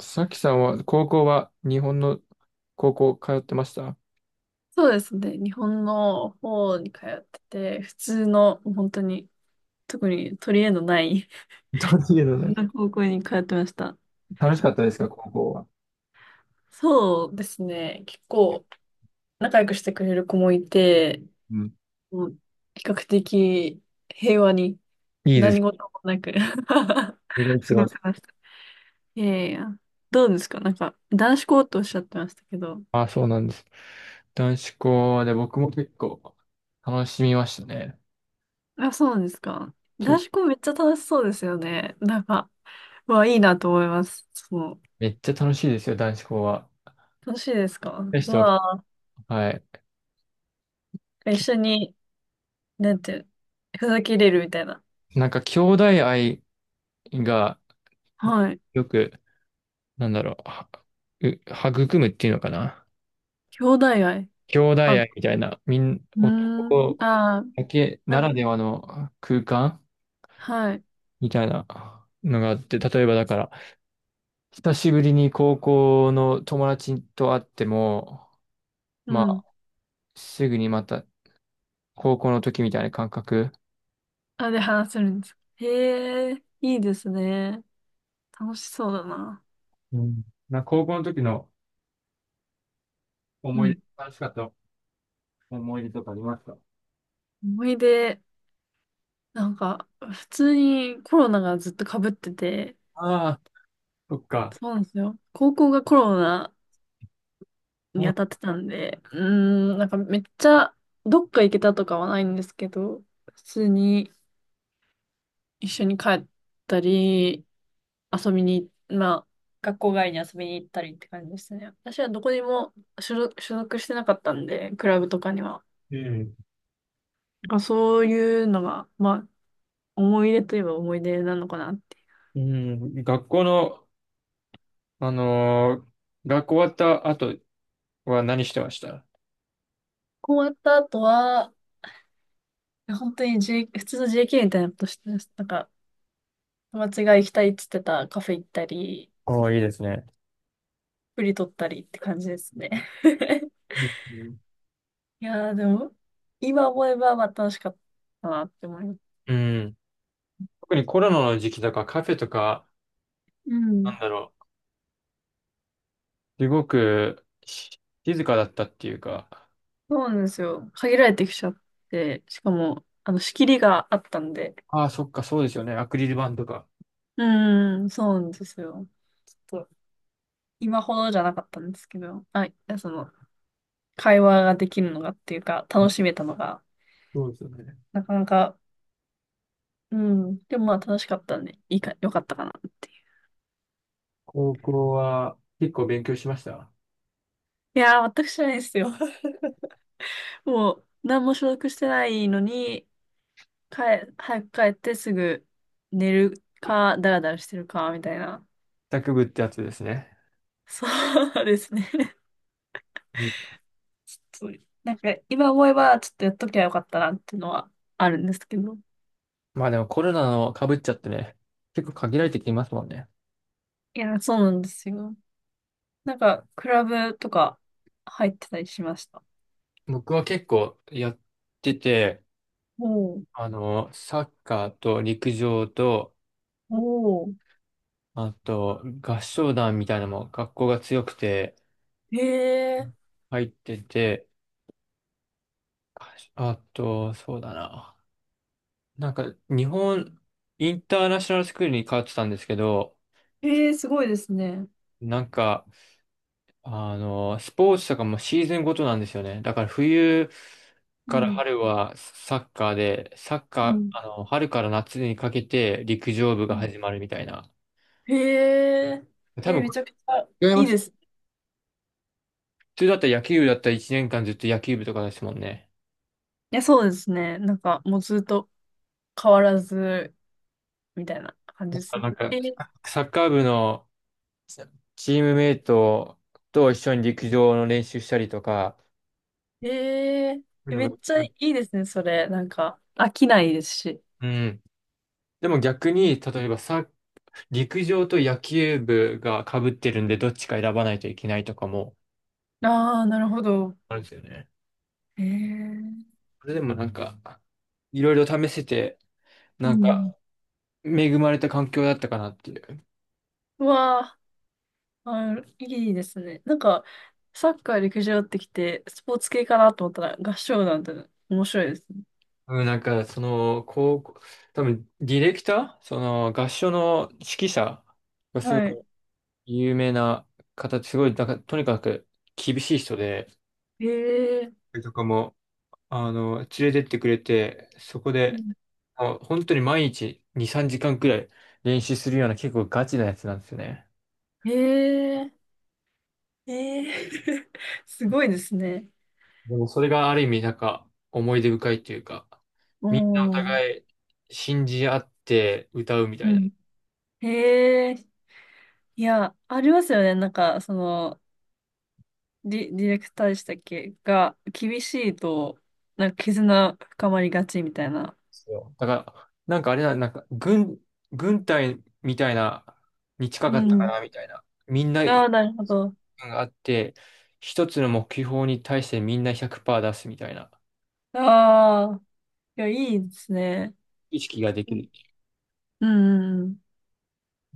さきさんは、高校は日本の高校通ってました？そうですね。日本の方に通ってて、普通の、本当に、特に取り柄のない どういうの 普ね。通の高校に通ってました。楽しかったですか、高校は。そうですね。結構、仲良くしてくれる子もいて、うん。もう比較的平和にいいで何す。事もなく 過色々違ごう。せました。いやいや、どうですか、なんか、男子校とおっしゃってましたけど。あ、そうなんです。男子校で僕も結構楽しみましたね。あ、そうなんですか。け、男子校めっちゃ楽しそうですよね。なんか、うわあ、いいなと思います。そう、めっちゃ楽しいですよ、男子校は。楽しいですか？でしうた。わはい。ぁ、一き緒に、なんて、ふざけれるみたいな。なんか兄弟愛がはい。よく、なんだろう、う育むっていうのかな。兄弟愛。兄弟あ、う愛みたいな、ーん、男あー、だけならな、ではの空間はい、みたいなのがあって、例えばだから、久しぶりに高校の友達と会っても、うまん。あ、すぐにまた高校の時みたいな感覚。あ、で話せるんです。へえ、いいですね。楽しそうだな。うん。高校の時のう思い出、ん。楽しかった思い出とかありますか？思い出、なんか、普通にコロナがずっと被ってて、ああ、そっか。そうなんですよ。高校がコロナにうん、当たってたんで、うーん、なんかめっちゃ、どっか行けたとかはないんですけど、普通に、一緒に帰ったり、遊びに、まあ、学校外に遊びに行ったりって感じでしたね。私はどこにも所属してなかったんで、クラブとかには。うん。なんかそういうのが、まあ、思い出といえば思い出なのかなって。学校の、あのー学校終わった後は何してました？こう終わった後は、本当に、普通の JK みたいなことしてます、なんか、友達が行きたいって言ってたカフェ行ったり、おー、いいですね。プリ取ったりって感じですね。いい、うん。いやー、でも、今思えばまあ楽しかったなって思います。うん。特にコロナの時期とかカフェとか、うん。なんだろう。すごく静かだったっていうか、そうなんですよ。限られてきちゃって、しかも、あの、仕切りがあったんで。ああ、そっか、そうですよね。アクリル板とか。うーん、そうなんですよ。ちょっと、今ほどじゃなかったんですけど、はい、その、会話ができるのがっていうか、楽しめたのが、そうですよね。なかなか、うん、でもまあ楽しかったんで、いいか、よかったかなっていう。高校は結構勉強しました？いやー、全く知らないですよ。もう、何も所属してないのに、帰、早く帰ってすぐ寝るか、ダラダラしてるか、みたいな。卓部ってやつですね。そうですね。うん。そう、なんか今思えばちょっとやっときゃよかったなっていうのはあるんですけど。まあでもコロナの被っちゃってね、結構限られてきますもんね。いや、そうなんですよ。なんか、クラブとか入ってたりしました。僕は結構やってて、おお、サッカーと陸上と、おお、あと合唱団みたいなのも学校が強くてへえ、入ってて、あと、そうだな。なんか、日本、インターナショナルスクールに通ってたんですけど、へえ、すごいですね。なんか、スポーツとかもシーズンごとなんですよね。だから冬うからん、春はサッカーで、サッうカん、ー、春から夏にかけて陸上部うがん、始まるみたいな。へえ、多え、分、めちゃくちゃ違いいまいす。で普す。通だったら野球部だったら1年間ずっと野球部とかですもんね。いや、そうですね。なんか、もうずっと変わらず、みたいな感じだでかすらね。なんか、え、サッカー部のチームメイトと一緒に陸上の練習したりとか、へえそうー、いうめのっが、ちゃいいですね、それ。なんか、飽きないですし。うん。でも逆に、例えばさ、陸上と野球部が被ってるんで、どっちか選ばないといけないとかもああ、なるほど。あるんですよね。へえ、それでもなんか、いろいろ試せて、うなんか、ん。恵まれた環境だったかなっていう。うわあ、あ、いいですね。なんか、サッカー、陸上ってきて、スポーツ系かなと思ったら、合唱団って面白いですね。うん、なんか、その、高校、多分、ディレクターその、合唱の指揮者がすはい。ごい有名な方、すごい、なんか、とにかく厳しい人で、へえ、とかも連れてってくれて、そこうで、ん、あ、本当に毎日2、3時間くらい練習するような結構ガチなやつなんですよね。へえ、へえ すごいですね。でもそれがある意味なんか思い出深いというか、うみんなおん。互い信じ合って歌うみたいうな。ん。へえ、いや、ありますよね。なんか、その、ディレクターでしたっけが、厳しいと、なんか絆深まりがちみたいな。そうだから、なんかあれな、軍隊みたいな、に近うかったかん。なみたいな。みんながああ、なるほど。あって、一つの目標に対してみんな100%出すみたいなああ。いや、いいですね。意識ができうん、る。うん、うん、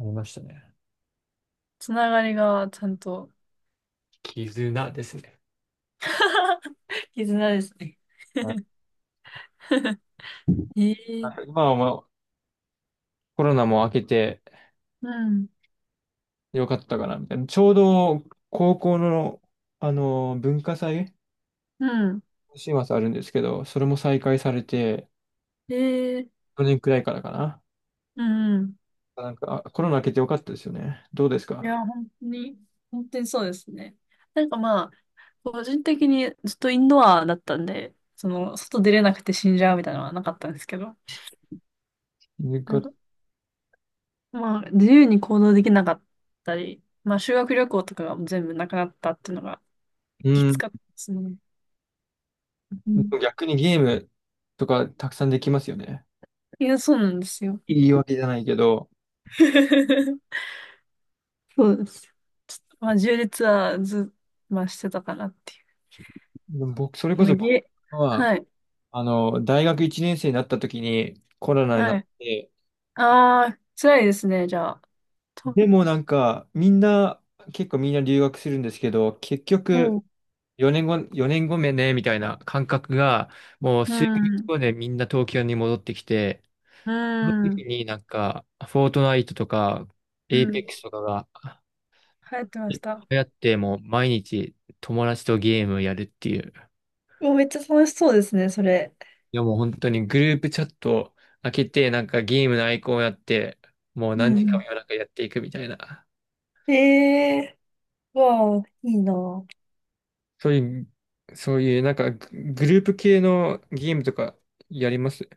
ありましたね。つながりがちゃんと 絆ですね。絆ですね。はい。 ええ、今はまあコロナも明けてうん。よかったかな、みたいな。ちょうど高校の、あの文化祭、うん。今週末あるんですけど、それも再開されて、ええ、去年くらいからかな。うん、うん。なんか、あコロナ明けてよかったですよね。どうですいか？や、本当に、本当にそうですね。なんかまあ、個人的にずっとインドアだったんで、その、外出れなくて死んじゃうみたいなのはなかったんですけど、よなんかか、まあ、自由に行動できなかったり、まあ、修学旅行とかが全部なくなったっていうのがうきつん。かったですね。うでん。も逆にゲームとかたくさんできますよね。いや、そうなんですよ。いいわけじゃないけど、そうです。まあ、縦列はず、まあ、してたかなっていう。でも僕、それあこその、僕げ、は、はい、大学1年生になった時にコロナになはっい。て、ああ、辛いですね、じゃあ。と、でもなんか、みんな、結構みんな留学するんですけど、結局、も4年後目ね、みたいな感覚が、もうう、う数ヶ月ん、後でみんな東京に戻ってきて、うその時ん、になんか、フォートナイトとか、うエイペッん。クスとかが、流行ってまいしった。って、もう毎日友達とゲームやるっていう。もうめっちゃ楽しそうですね、それ。いやもう本当にグループチャット開けて、なんかゲームのアイコンをやって、もうう何時間もん。夜中やっていくみたいな。ええー、わあ、いいな、そういう、そういう、なんかグループ系のゲームとかやります？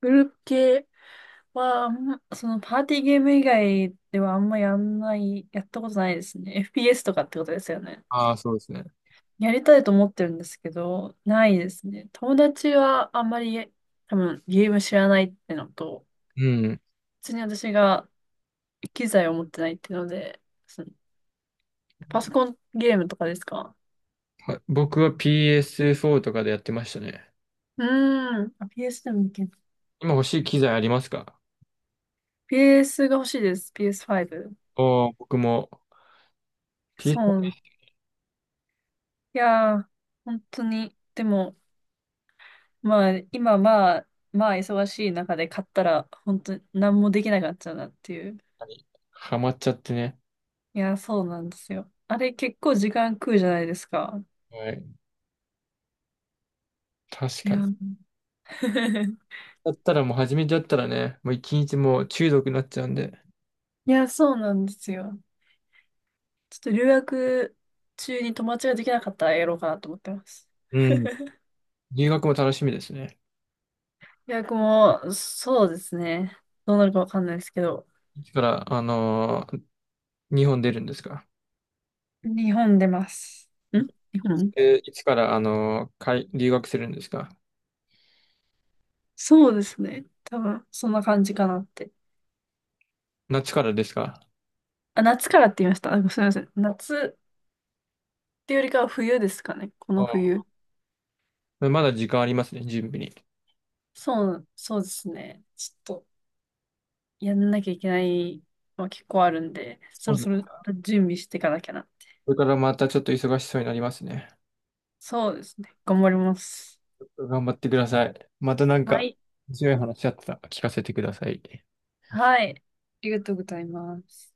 グループ系は、あんまそのパーティーゲーム以外ではあんまやんない、やったことないですね。FPS とかってことですよね。ああ、そうですね。やりたいと思ってるんですけど、ないですね。友達はあんまり多分ゲーム知らないってのと、うん。普通に私が機材を持ってないっていうので、その、パソコンゲームとかですか？僕は PS4 とかでやってましたね。うーん、あ PS でもいける。今欲しい機材ありますか？ PS が欲しいです。PS5。おー、僕も そう。PS4 いやー、本当に。でも、まあ、今まあ、まあ忙しい中で買ったら、本当に何もできなくなっちゃうなっていう。にハマっちゃってね。いやー、そうなんですよ。あれ結構時間食うじゃないですか。はい。確いかやに。ー、だったらもう初めてだったらね、もう一日もう中毒になっちゃうんで。いや、そうなんですよ。ちょっと留学中に友達ができなかったらやろうかなと思ってます。う ん。留学も楽しみですね。留学も、そうですね。どうなるかわかんないですけど、いつから、日本出るんですか？日本出ます。いん日本いつから、海留学するんですか？そうですね。多分、そんな感じかなって。夏からですか？あ、夏からって言いました。あ、すみません。夏っていうよりかは冬ですかね。このあ冬。あ、まだ時間ありますね、準備に。そう、そうですね。ちょっと、やんなきゃいけない、まあ、結構あるんで、そそうろそう。そろ準備していかなきゃな。これからまたちょっと忙しそうになりますね。そうですね。頑張ります。頑張ってください。またなんはか、い。強い話あったら聞かせてください。はい。ありがとうございます。